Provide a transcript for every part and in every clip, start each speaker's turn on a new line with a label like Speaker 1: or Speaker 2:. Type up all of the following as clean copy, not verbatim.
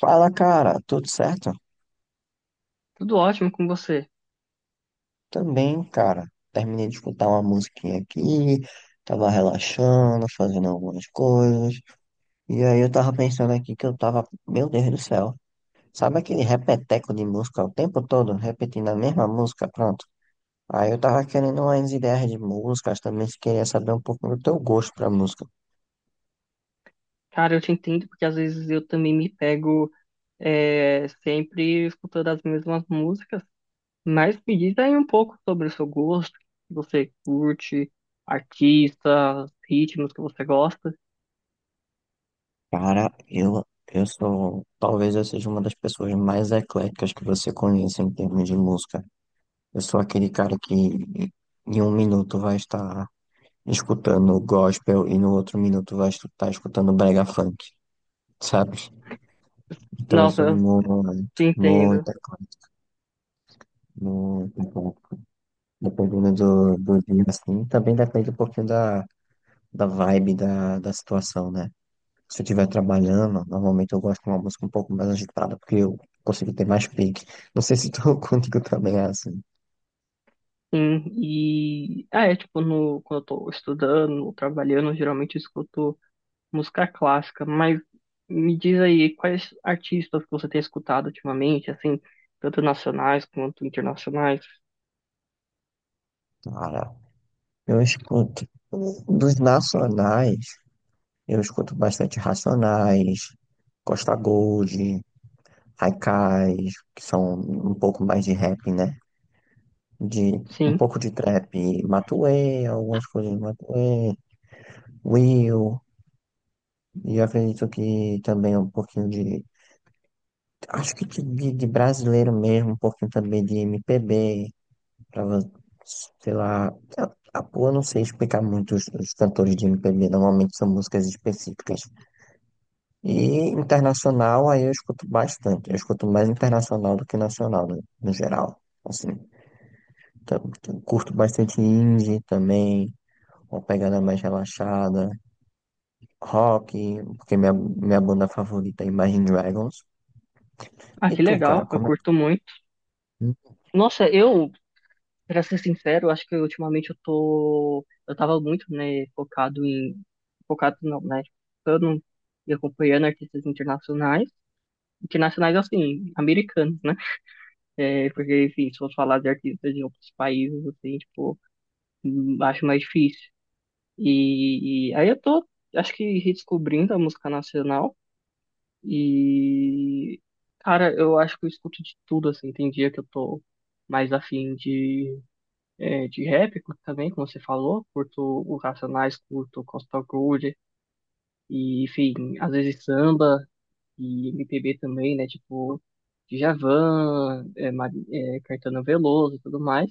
Speaker 1: Fala, cara, tudo certo?
Speaker 2: Tudo ótimo com você.
Speaker 1: Também, cara. Terminei de escutar uma musiquinha aqui, tava relaxando, fazendo algumas coisas. E aí eu tava pensando aqui que eu tava, meu Deus do céu. Sabe aquele repeteco de música o tempo todo, repetindo a mesma música, pronto. Aí eu tava querendo umas ideias de músicas, também se queria saber um pouco do teu gosto pra música.
Speaker 2: Cara, eu te entendo porque às vezes eu também me pego sempre escutando as mesmas músicas, mas me diz aí um pouco sobre o seu gosto, se você curte, artistas, ritmos que você gosta.
Speaker 1: Cara, eu sou, talvez eu seja uma das pessoas mais ecléticas que você conhece em termos de música. Eu sou aquele cara que em um minuto vai estar escutando gospel e no outro minuto vai estar escutando brega funk, sabe? Então eu
Speaker 2: Nossa,
Speaker 1: sou
Speaker 2: eu
Speaker 1: muito,
Speaker 2: te entendo.
Speaker 1: muita coisa, muito bom. Dependendo do dia, assim, também depende um pouquinho da vibe da situação, né? Se eu estiver trabalhando, normalmente eu gosto de uma música um pouco mais agitada, porque eu consigo ter mais pique. Não sei se tu contigo também é assim.
Speaker 2: Sim, e é tipo, no, quando eu tô estudando ou trabalhando, geralmente eu escuto música clássica, mas me diz aí quais artistas que você tem escutado ultimamente, assim, tanto nacionais quanto internacionais.
Speaker 1: Cara, eu escuto dos nacionais. Eu escuto bastante Racionais, Costa Gold, Haikais, que são um pouco mais de rap, né? De um
Speaker 2: Sim.
Speaker 1: pouco de trap, Matuê, algumas coisas de Matuê, Will, e acredito que também um pouquinho acho que de brasileiro mesmo, um pouquinho também de MPB, pra, vo- sei lá, eu, eu não sei explicar muito os cantores de MPB, normalmente são músicas específicas. E internacional, aí eu escuto bastante. Eu escuto mais internacional do que nacional, no geral. Assim, curto bastante indie também, uma pegada mais relaxada, rock, porque minha banda favorita é Imagine Dragons.
Speaker 2: Ah,
Speaker 1: E
Speaker 2: que
Speaker 1: tu, cara,
Speaker 2: legal. Eu
Speaker 1: como é que...
Speaker 2: curto muito. Nossa, eu, pra ser sincero, acho que ultimamente eu tô. Eu tava muito, né, focado em. Focado não, né? Focando e acompanhando artistas internacionais. Internacionais, assim, americanos, né? É, porque, enfim, se eu falar de artistas de outros países, assim, tipo, acho mais difícil. E aí eu tô, acho que redescobrindo a música nacional. E, cara, eu acho que eu escuto de tudo, assim. Tem dia que eu tô mais afim de, de rap curto também, como você falou. Curto o Racionais, curto o Costa Groove. E, enfim, às vezes samba e MPB também, né? Tipo, Djavan, é, Caetano Veloso e tudo mais.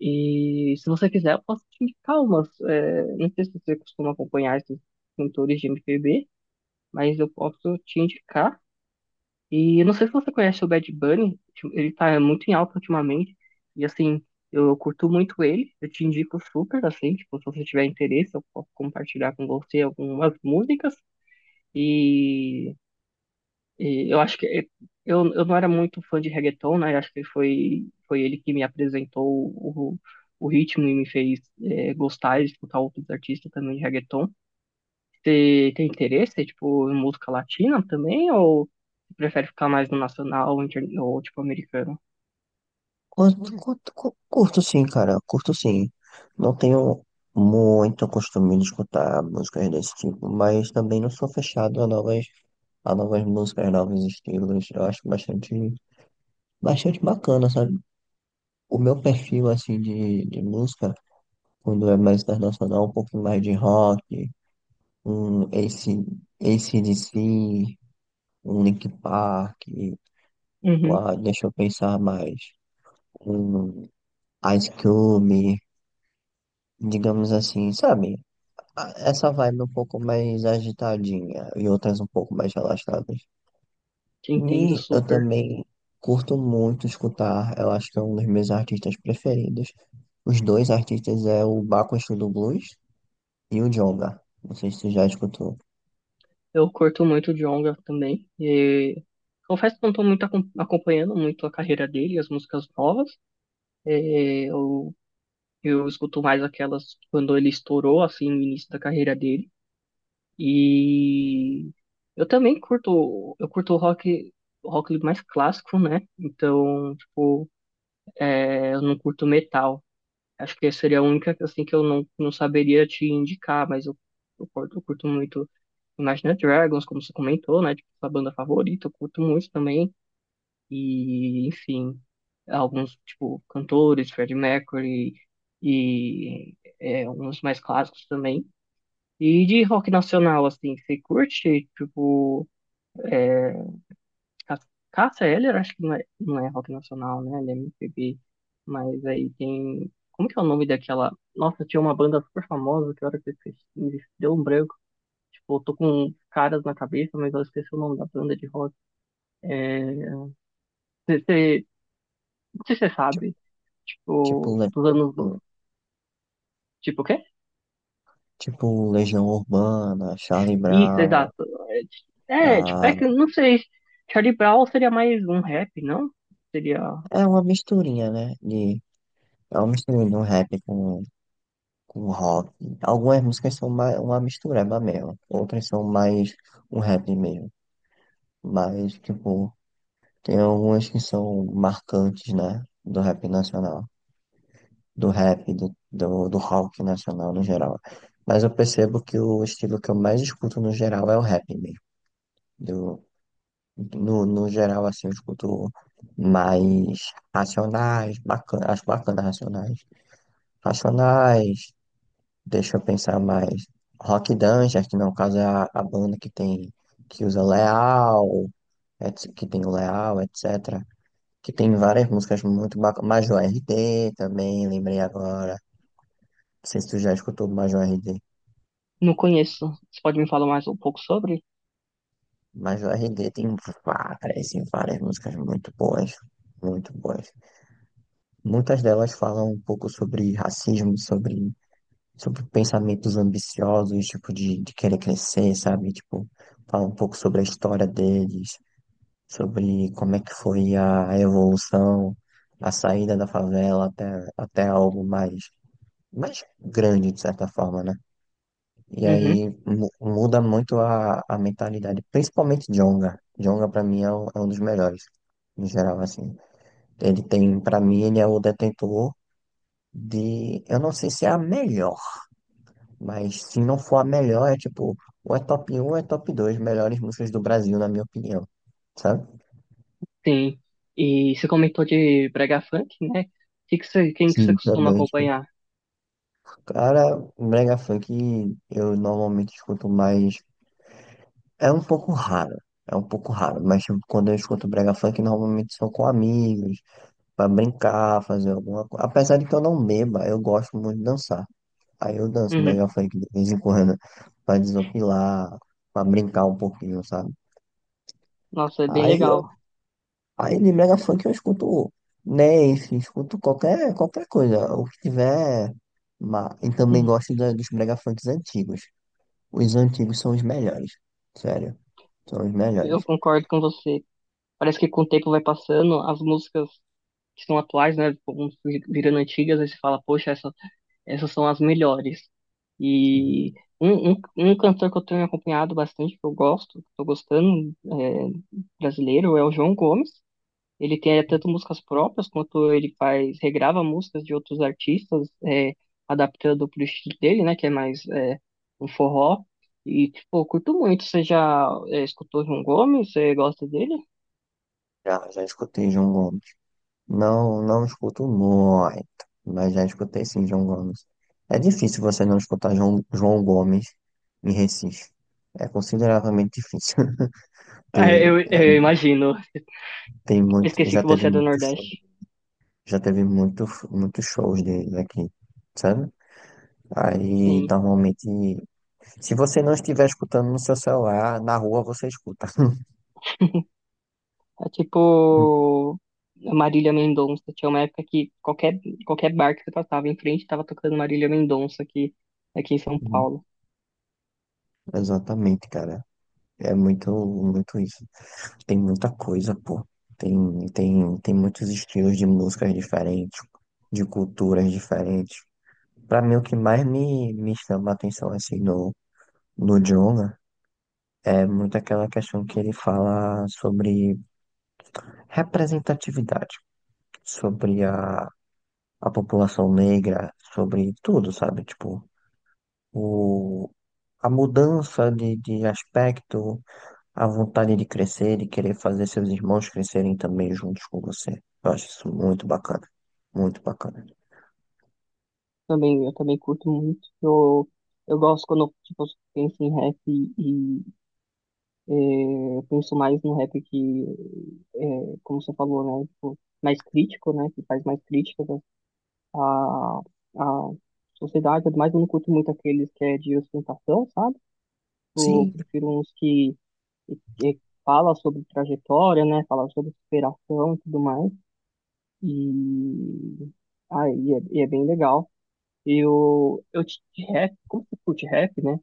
Speaker 2: E se você quiser, eu posso te indicar umas. É, não sei se você costuma acompanhar esses cantores de MPB, mas eu posso te indicar. E não sei se você conhece o Bad Bunny, tipo, ele tá muito em alta ultimamente. E assim, eu curto muito ele, eu te indico super, assim, tipo, se você tiver interesse, eu posso compartilhar com você algumas músicas. E, e eu acho que é, eu não era muito fã de reggaeton, né? Eu acho que foi, foi ele que me apresentou o, o ritmo e me fez gostar de escutar outros artistas também de reggaeton. Você tem interesse, tipo, em música latina também? Ou você prefere ficar mais no nacional ou, tipo, americano?
Speaker 1: Curto sim, cara, curto sim. Não tenho muito costume de escutar músicas desse tipo, mas também não sou fechado a novas músicas, novos estilos. Eu acho bastante. Bastante bacana, sabe? O meu perfil, assim, de música, quando é mais internacional, um pouquinho mais de rock, um AC/DC, um Linkin Park,
Speaker 2: Uhum,
Speaker 1: uma, deixa eu pensar mais, um Ice Cube, digamos assim, sabe? Essa vibe um pouco mais agitadinha e outras um pouco mais relaxadas.
Speaker 2: te entendo
Speaker 1: E eu
Speaker 2: super.
Speaker 1: também curto muito escutar, eu acho que é um dos meus artistas preferidos. Os dois artistas é o Baco Exu do Blues e o Djonga. Não sei se tu já escutou.
Speaker 2: Eu curto muito o Djonga também. E confesso que não estou muito acompanhando muito a carreira dele, as músicas novas. É, eu escuto mais aquelas quando ele estourou, assim, no início da carreira dele. E eu também curto, eu curto o rock mais clássico, né? Então, tipo, é, eu não curto metal. Acho que seria a única assim que eu não, não saberia te indicar, mas eu curto muito Imagine Dragons, como você comentou, né? Tipo, sua banda favorita, eu curto muito também. E, enfim, alguns, tipo, cantores, Freddie Mercury e uns mais clássicos também. E de rock nacional, assim, você curte, tipo, é, Ca- Cássia Eller, acho que não é, não é rock nacional, né? Ele é MPB. Mas aí tem. Como que é o nome daquela. Nossa, tinha uma banda super famosa que eu era que eu esqueci, me deu um branco. Tipo, eu tô com caras na cabeça, mas eu esqueci o nome da banda de rock. É... cê- cê- Não sei se você
Speaker 1: Ti-
Speaker 2: sabe.
Speaker 1: Tipo,
Speaker 2: Tipo,
Speaker 1: Le-
Speaker 2: dos anos.
Speaker 1: hum,
Speaker 2: Tipo, o quê?
Speaker 1: tipo Legião Urbana, Charlie
Speaker 2: Isso,
Speaker 1: Brown.
Speaker 2: exato. É, tipo, é
Speaker 1: ah,
Speaker 2: que eu não sei. Charlie Brown seria mais um rap, não? Seria.
Speaker 1: É uma misturinha, né? De, é uma misturinha de um rap com rock. Algumas músicas são mais, uma mistureba mesmo. Outras são mais um rap mesmo. Mas, tipo. Tem algumas que são marcantes, né? Do rap nacional, do rock nacional no geral. Mas eu percebo que o estilo que eu mais escuto no geral é o rap mesmo. Do, no geral, assim, eu escuto mais racionais, bacana, acho bacana racionais. Racionais, deixa eu pensar mais. Rock Dungeon, que no caso é a banda que tem, que usa Leal, que tem o Leal, etc. Que tem várias músicas muito bacanas. Major R D também, lembrei agora. Não sei se tu já escutou Major R D,
Speaker 2: Não conheço. Você pode me falar mais um pouco sobre?
Speaker 1: Major R D tem várias e várias músicas muito boas, muito boas. Muitas delas falam um pouco sobre racismo, sobre, sobre pensamentos ambiciosos, tipo, de querer crescer, sabe? Tipo, fala um pouco sobre a história deles, sobre como é que foi a evolução, a saída da favela até, até algo mais mais grande, de certa forma, né? E aí
Speaker 2: Uhum.
Speaker 1: muda muito a mentalidade, principalmente Djonga. Djonga pra mim é é um dos melhores, em geral, assim. Ele tem, pra mim, ele é o detentor de, eu não sei se é a melhor, mas se não for a melhor, é tipo, ou é top um ou é top 2 melhores músicas do Brasil, na minha opinião, sabe?
Speaker 2: Sim. E você comentou de brega funk, né? Quem que você
Speaker 1: Sim.
Speaker 2: costuma
Speaker 1: Também, tipo,
Speaker 2: acompanhar?
Speaker 1: cara, brega funk eu normalmente escuto mais, é um pouco raro. É um pouco raro, mas tipo, quando eu escuto brega funk, normalmente são com amigos, pra brincar, fazer alguma coisa. Apesar de que eu não beba, eu gosto muito de dançar. Aí eu danço
Speaker 2: Uhum.
Speaker 1: melhor funk de vez em quando, pra desopilar, pra brincar um pouquinho, sabe?
Speaker 2: Nossa, é bem
Speaker 1: Aí, eu,
Speaker 2: legal.
Speaker 1: aí de mega funk eu escuto Nef, escuto qualquer, qualquer coisa, o que tiver. E também
Speaker 2: Hum.
Speaker 1: gosto dos mega funks antigos. Os antigos são os melhores, sério, são os
Speaker 2: Eu
Speaker 1: melhores.
Speaker 2: concordo com você. Parece que com o tempo vai passando, as músicas que são atuais, né, vão virando antigas, aí você fala, poxa, essa, essas são as melhores.
Speaker 1: Sim.
Speaker 2: E um cantor que eu tenho acompanhado bastante, que eu gosto, que eu tô gostando, é, brasileiro, é o João Gomes. Ele tem tanto músicas próprias quanto ele faz, regrava músicas de outros artistas, é, adaptando pro estilo dele, né? Que é mais um forró. E, tipo, eu curto muito. Você já escutou João Gomes? Você gosta dele?
Speaker 1: Já, já escutei João Gomes. Não, não escuto muito, mas já escutei sim, João Gomes. É difícil você não escutar João, João Gomes em Recife. É consideravelmente difícil.
Speaker 2: É,
Speaker 1: Tem, é,
Speaker 2: eu imagino.
Speaker 1: tem
Speaker 2: Eu
Speaker 1: muito,
Speaker 2: esqueci
Speaker 1: já
Speaker 2: que
Speaker 1: teve
Speaker 2: você é do
Speaker 1: muito show,
Speaker 2: Nordeste.
Speaker 1: já teve muito, muitos shows dele aqui, sabe? Aí,
Speaker 2: Sim.
Speaker 1: normalmente, se você não estiver escutando no seu celular, na rua você escuta.
Speaker 2: É tipo a Marília Mendonça. Tinha uma época que qualquer, qualquer bar que você passava em frente estava tocando Marília Mendonça aqui, aqui em São Paulo.
Speaker 1: Exatamente, cara. É muito, muito isso. Tem muita coisa, pô. Tem, tem muitos estilos de músicas diferentes, de culturas diferentes. Pra mim, o que mais me chama a atenção, assim, no Djonga é muito aquela questão que ele fala sobre representatividade, sobre a população negra, sobre tudo, sabe? Tipo, o, a mudança de aspecto. A vontade de crescer e querer fazer seus irmãos crescerem também juntos com você. Eu acho isso muito bacana. Muito bacana.
Speaker 2: Também, eu também curto muito. Eu gosto quando tipo, eu penso em rap e eu penso mais no rap que, é, como você falou, né? Tipo, mais crítico, né? Que faz mais críticas à, à sociedade. Mas eu não curto muito aqueles que é de ostentação, sabe? Eu
Speaker 1: Sim,
Speaker 2: prefiro uns que fala sobre trajetória, né? Fala sobre superação e tudo mais. E, e é bem legal. Eu de rap, como você curte rap, né?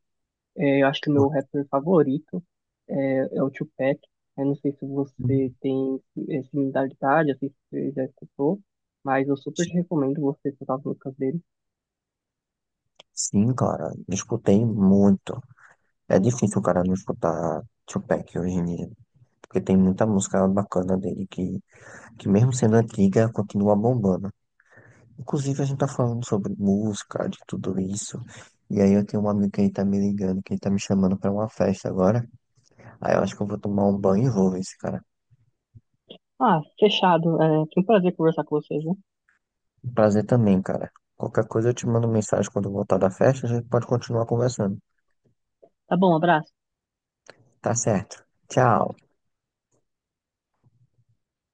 Speaker 2: É, eu acho que o meu rapper favorito é, é o Tupac. Eu não sei se você tem similaridade, assim, se você já escutou, mas eu super te recomendo você escutar as músicas dele.
Speaker 1: sim, cara. Escutei muito. É difícil o cara não escutar Tupac hoje em dia. Porque tem muita música bacana dele que mesmo sendo antiga, continua bombando. Inclusive, a gente tá falando sobre música, de tudo isso. E aí eu tenho um amigo que ele tá me ligando, que ele tá me chamando pra uma festa agora. Aí eu acho que eu vou tomar um banho e vou ver esse cara.
Speaker 2: Ah, fechado. É, foi um prazer conversar com vocês, né?
Speaker 1: Prazer também, cara. Qualquer coisa eu te mando mensagem quando eu voltar da festa, a gente pode continuar conversando.
Speaker 2: Tá bom, abraço.
Speaker 1: Tá certo. Tchau.